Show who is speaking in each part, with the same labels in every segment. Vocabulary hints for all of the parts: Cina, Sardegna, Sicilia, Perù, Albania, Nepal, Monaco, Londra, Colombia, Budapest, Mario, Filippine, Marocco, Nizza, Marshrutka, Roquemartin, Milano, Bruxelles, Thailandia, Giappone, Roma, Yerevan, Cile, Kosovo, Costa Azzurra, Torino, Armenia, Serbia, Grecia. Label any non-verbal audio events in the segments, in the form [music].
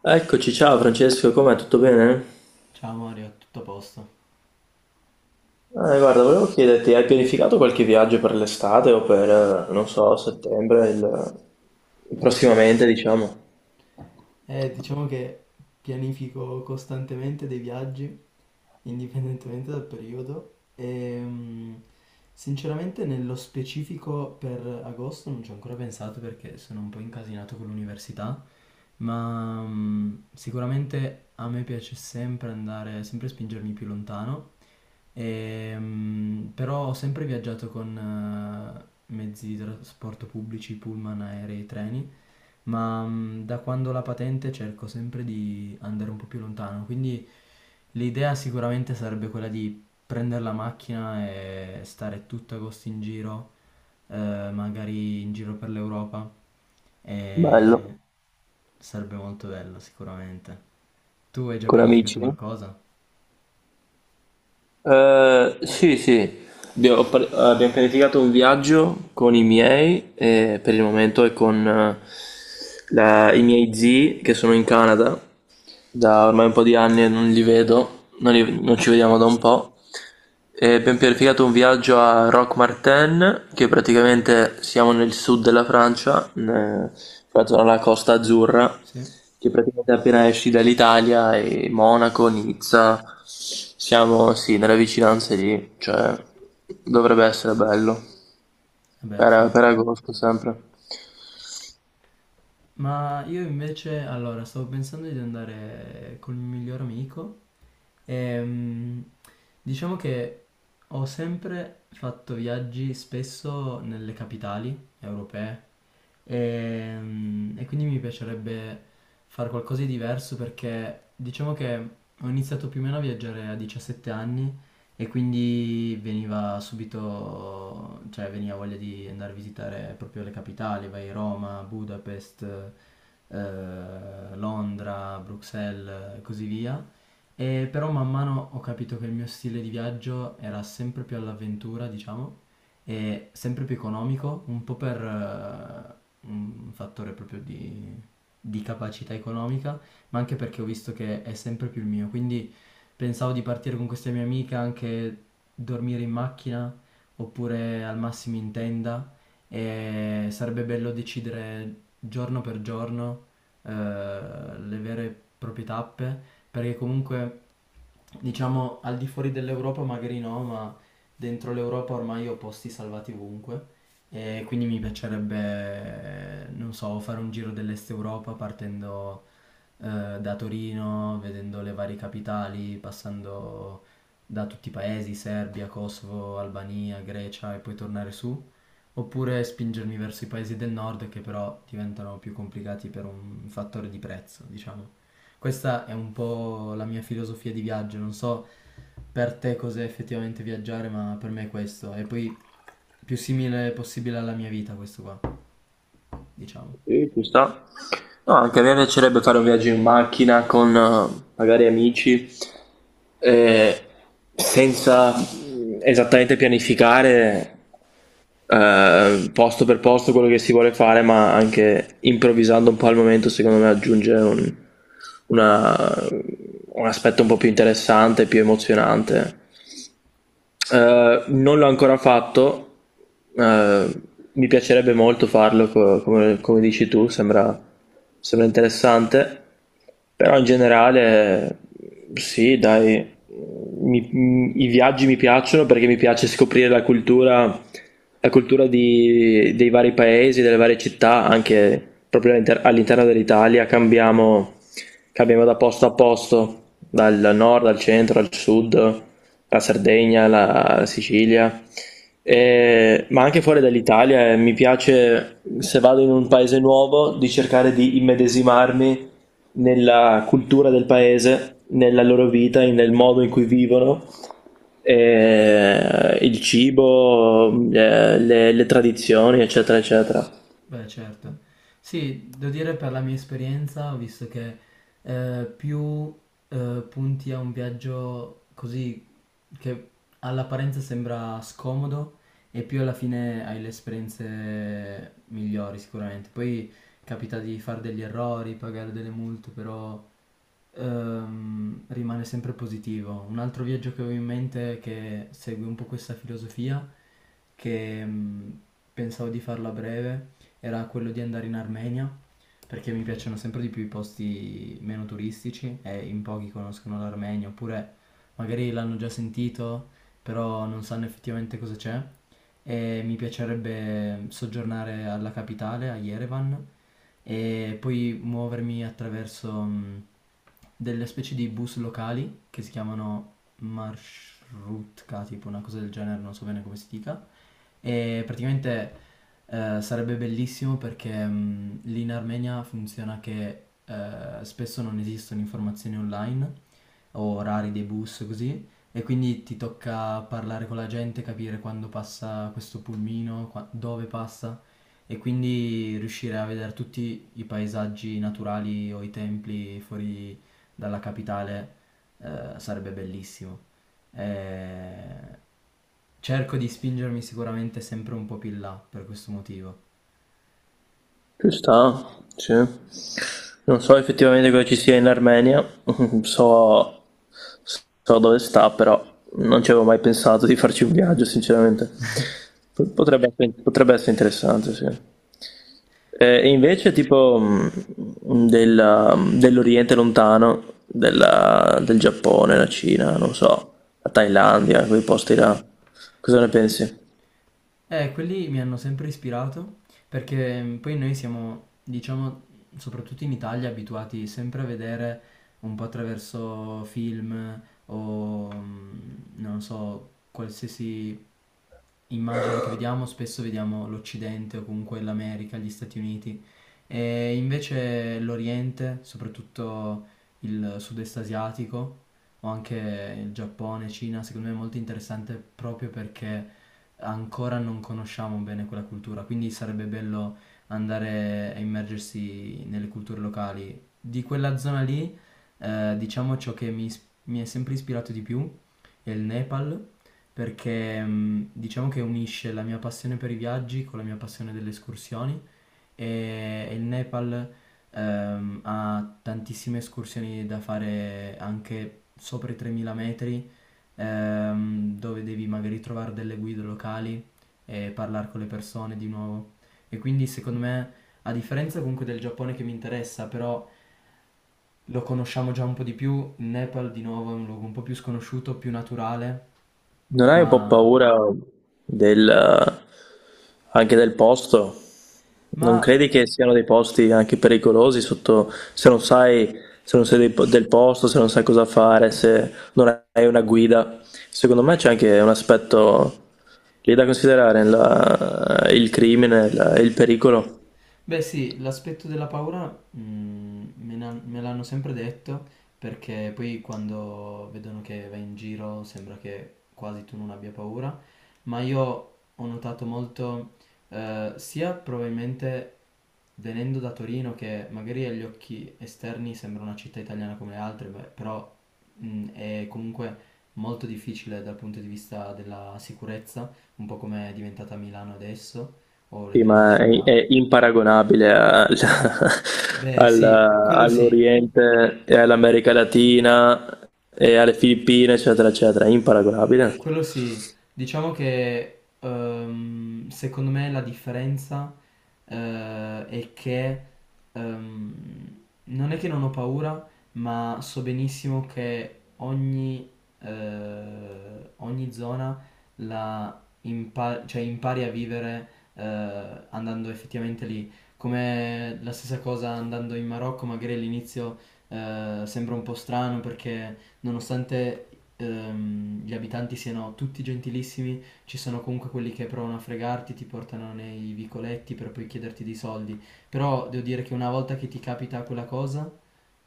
Speaker 1: Eccoci, ciao Francesco, com'è? Tutto bene?
Speaker 2: Ciao Mario, tutto a posto?
Speaker 1: Guarda, volevo chiederti, hai pianificato qualche viaggio per l'estate o non so, prossimamente, diciamo?
Speaker 2: Diciamo che pianifico costantemente dei viaggi, indipendentemente dal periodo, e sinceramente nello specifico per agosto non ci ho ancora pensato perché sono un po' incasinato con l'università, ma sicuramente a me piace sempre andare, sempre spingermi più lontano. Però ho sempre viaggiato con mezzi di trasporto pubblici, pullman, aerei, treni. Ma da quando ho la patente cerco sempre di andare un po' più lontano, quindi l'idea sicuramente sarebbe quella di prendere la macchina e stare tutto agosto in giro, magari in giro per l'Europa,
Speaker 1: Bello,
Speaker 2: e sarebbe molto bello sicuramente. Tu hai già
Speaker 1: con
Speaker 2: pianificato
Speaker 1: amici?
Speaker 2: qualcosa?
Speaker 1: Sì, abbiamo pianificato un viaggio con i miei e per il momento è con i miei zii che sono in Canada. Da ormai un po' di anni non li vedo, non, li- non ci vediamo da un po'. E abbiamo pianificato un viaggio a Roquemartin, che praticamente siamo nel sud della Francia, proprio alla Costa Azzurra,
Speaker 2: Sì?
Speaker 1: che praticamente appena esci dall'Italia e Monaco, Nizza, siamo sì, nelle vicinanze lì, cioè dovrebbe essere bello,
Speaker 2: Vabbè, sì.
Speaker 1: per agosto sempre.
Speaker 2: Ma io invece, allora, stavo pensando di andare col mio miglior amico e diciamo che ho sempre fatto viaggi spesso nelle capitali europee e quindi mi piacerebbe fare qualcosa di diverso perché diciamo che ho iniziato più o meno a viaggiare a 17 anni e quindi veniva subito, cioè veniva voglia di andare a visitare proprio le capitali, vai a Roma, Budapest, Londra, Bruxelles e così via. E però man mano ho capito che il mio stile di viaggio era sempre più all'avventura, diciamo, e sempre più economico, un po' per un fattore proprio di capacità economica, ma anche perché ho visto che è sempre più il mio. Quindi pensavo di partire con questa mia amica, anche dormire in macchina oppure al massimo in tenda e sarebbe bello decidere giorno per giorno eh, le vere e proprie tappe, perché comunque diciamo al di fuori dell'Europa magari no, ma dentro l'Europa ormai ho posti salvati ovunque. E quindi mi piacerebbe, non so, fare un giro dell'Est Europa partendo da Torino, vedendo le varie capitali, passando da tutti i paesi, Serbia, Kosovo, Albania, Grecia e poi tornare su, oppure spingermi verso i paesi del nord che però diventano più complicati per un fattore di prezzo, diciamo. Questa è un po' la mia filosofia di viaggio, non so per te cos'è effettivamente viaggiare, ma per me è questo, e poi più simile possibile alla mia vita questo qua, diciamo.
Speaker 1: Sì, ci sta. No, anche a me piacerebbe fare un viaggio in macchina con magari amici, eh, senza esattamente pianificare posto per posto quello che si vuole fare, ma anche improvvisando un po' al momento, secondo me aggiunge una- un aspetto un po' più interessante, più emozionante. Non l'ho ancora fatto, eh, mi piacerebbe molto farlo, come dici tu, sembra interessante, però in generale sì, dai, i viaggi mi piacciono perché mi piace scoprire la cultura dei vari paesi, delle varie città, anche proprio all'interno dell'Italia, cambiamo da posto a posto, dal nord al centro al sud, la Sardegna, la Sicilia, ma anche fuori dall'Italia. Mi piace, se vado in un paese nuovo, di cercare di immedesimarmi nella cultura del paese, nella loro vita, nel modo in cui vivono, e il cibo, le tradizioni, eccetera, eccetera.
Speaker 2: Beh, certo. Sì, devo dire per la mia esperienza, ho visto che più punti a un viaggio così che all'apparenza sembra scomodo e più alla fine hai le esperienze migliori sicuramente. Poi capita di fare degli errori, pagare delle multe, però rimane sempre positivo. Un altro viaggio che avevo in mente che segue un po' questa filosofia che pensavo di farlo a breve era quello di andare in Armenia, perché mi piacciono sempre di più i posti meno turistici e in pochi conoscono l'Armenia, oppure magari l'hanno già sentito, però non sanno effettivamente cosa c'è. E mi piacerebbe soggiornare alla capitale, a Yerevan, e poi muovermi attraverso delle specie di bus locali che si chiamano Marshrutka, tipo una cosa del genere, non so bene come si dica. E praticamente sarebbe bellissimo perché lì in Armenia funziona che spesso non esistono informazioni online o orari dei bus così e quindi ti tocca parlare con la gente, capire quando passa questo pulmino, dove passa e quindi riuscire a vedere tutti i paesaggi naturali o i templi fuori dalla capitale. Sarebbe bellissimo. Eh, Cerco di spingermi sicuramente sempre un po' più in là per questo motivo.
Speaker 1: Ci sta, sì. Non so effettivamente cosa ci sia in Armenia, [laughs] so, so dove sta, però non ci avevo mai pensato di farci un viaggio, sinceramente. Potrebbe essere- potrebbe essere interessante, sì. E invece, tipo, dell'Oriente lontano, del Giappone, la Cina, non so, la Thailandia, quei posti là, cosa ne pensi?
Speaker 2: Quelli mi hanno sempre ispirato perché poi noi siamo, diciamo, soprattutto in Italia, abituati sempre a vedere un po' attraverso film o, non so, qualsiasi immagine che vediamo, spesso vediamo l'Occidente o comunque l'America, gli Stati Uniti. E invece l'Oriente, soprattutto il sud-est asiatico, o anche il Giappone, Cina, secondo me è molto interessante proprio perché ancora non conosciamo bene quella cultura, quindi sarebbe bello andare a immergersi nelle culture locali. Di quella zona lì, diciamo ciò che mi è sempre ispirato di più è il Nepal, perché diciamo che unisce la mia passione per i viaggi con la mia passione delle escursioni e il Nepal ha tantissime escursioni da fare anche sopra i 3.000 metri, dove devi magari trovare delle guide locali e parlare con le persone di nuovo. E quindi secondo me, a differenza comunque del Giappone che mi interessa, però lo conosciamo già un po' di più, il Nepal di nuovo è un luogo un po' più sconosciuto, più naturale.
Speaker 1: Non hai un po'
Speaker 2: ma,
Speaker 1: paura del, anche del posto? Non
Speaker 2: ma
Speaker 1: credi che siano dei posti anche pericolosi sotto, se non sai, se non sei del posto, se non sai cosa fare, se non hai una guida? Secondo me c'è anche un aspetto lì da considerare, il crimine, il pericolo.
Speaker 2: Beh sì, l'aspetto della paura, me l'hanno sempre detto perché poi quando vedono che vai in giro sembra che quasi tu non abbia paura, ma io ho notato molto sia probabilmente venendo da Torino che magari agli occhi esterni sembra una città italiana come le altre, beh, però è comunque molto difficile dal punto di vista della sicurezza, un po' come è diventata Milano adesso o le
Speaker 1: Sì,
Speaker 2: grandi
Speaker 1: ma
Speaker 2: città.
Speaker 1: è imparagonabile al- [laughs]
Speaker 2: Beh,
Speaker 1: al-
Speaker 2: sì, quello sì,
Speaker 1: all'Oriente e all'America Latina e alle Filippine, eccetera, eccetera. È imparagonabile.
Speaker 2: quello sì. Diciamo che secondo me la differenza è che ehm, non è che non ho paura, ma so benissimo che ogni zona cioè impari a vivere eh, andando effettivamente lì. Come la stessa cosa andando in Marocco, magari all'inizio sembra un po' strano perché nonostante gli abitanti siano tutti gentilissimi, ci sono comunque quelli che provano a fregarti, ti portano nei vicoletti per poi chiederti dei soldi. Però devo dire che una volta che ti capita quella cosa,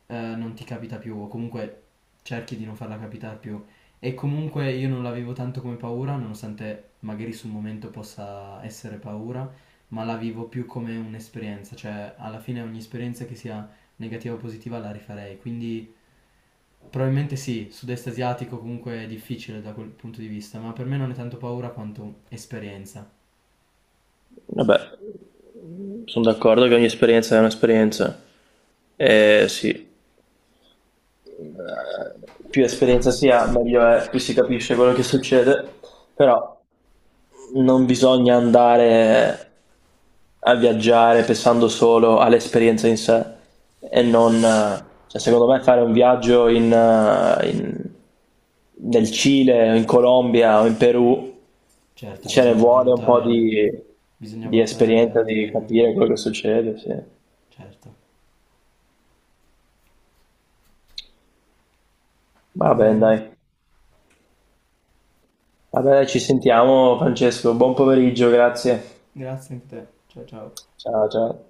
Speaker 2: non ti capita più, o comunque cerchi di non farla capitare più. E comunque io non l'avevo tanto come paura, nonostante magari sul momento possa essere paura, ma la vivo più come un'esperienza, cioè alla fine ogni esperienza che sia negativa o positiva la rifarei, quindi. Probabilmente sì, sud-est asiatico comunque è difficile da quel punto di vista, ma per me non è tanto paura quanto esperienza.
Speaker 1: Vabbè, sono d'accordo che ogni esperienza è un'esperienza. Sì, eh, più esperienza si ha, meglio è, più si capisce quello che succede, però. Non bisogna andare a viaggiare pensando solo all'esperienza in sé e non, cioè, secondo me fare un viaggio in, nel Cile o in Colombia o in Perù,
Speaker 2: Certo,
Speaker 1: ce ne
Speaker 2: bisogna
Speaker 1: vuole un po'
Speaker 2: valutare, bisogna
Speaker 1: di
Speaker 2: valutare anche
Speaker 1: esperienza, di
Speaker 2: altre.
Speaker 1: capire quello che succede, sì.
Speaker 2: Certo.
Speaker 1: Va
Speaker 2: Va
Speaker 1: bene,
Speaker 2: bene,
Speaker 1: dai. Va bene, ci sentiamo, Francesco. Buon pomeriggio, grazie.
Speaker 2: grazie anche a te. Ciao ciao.
Speaker 1: Ciao, ciao.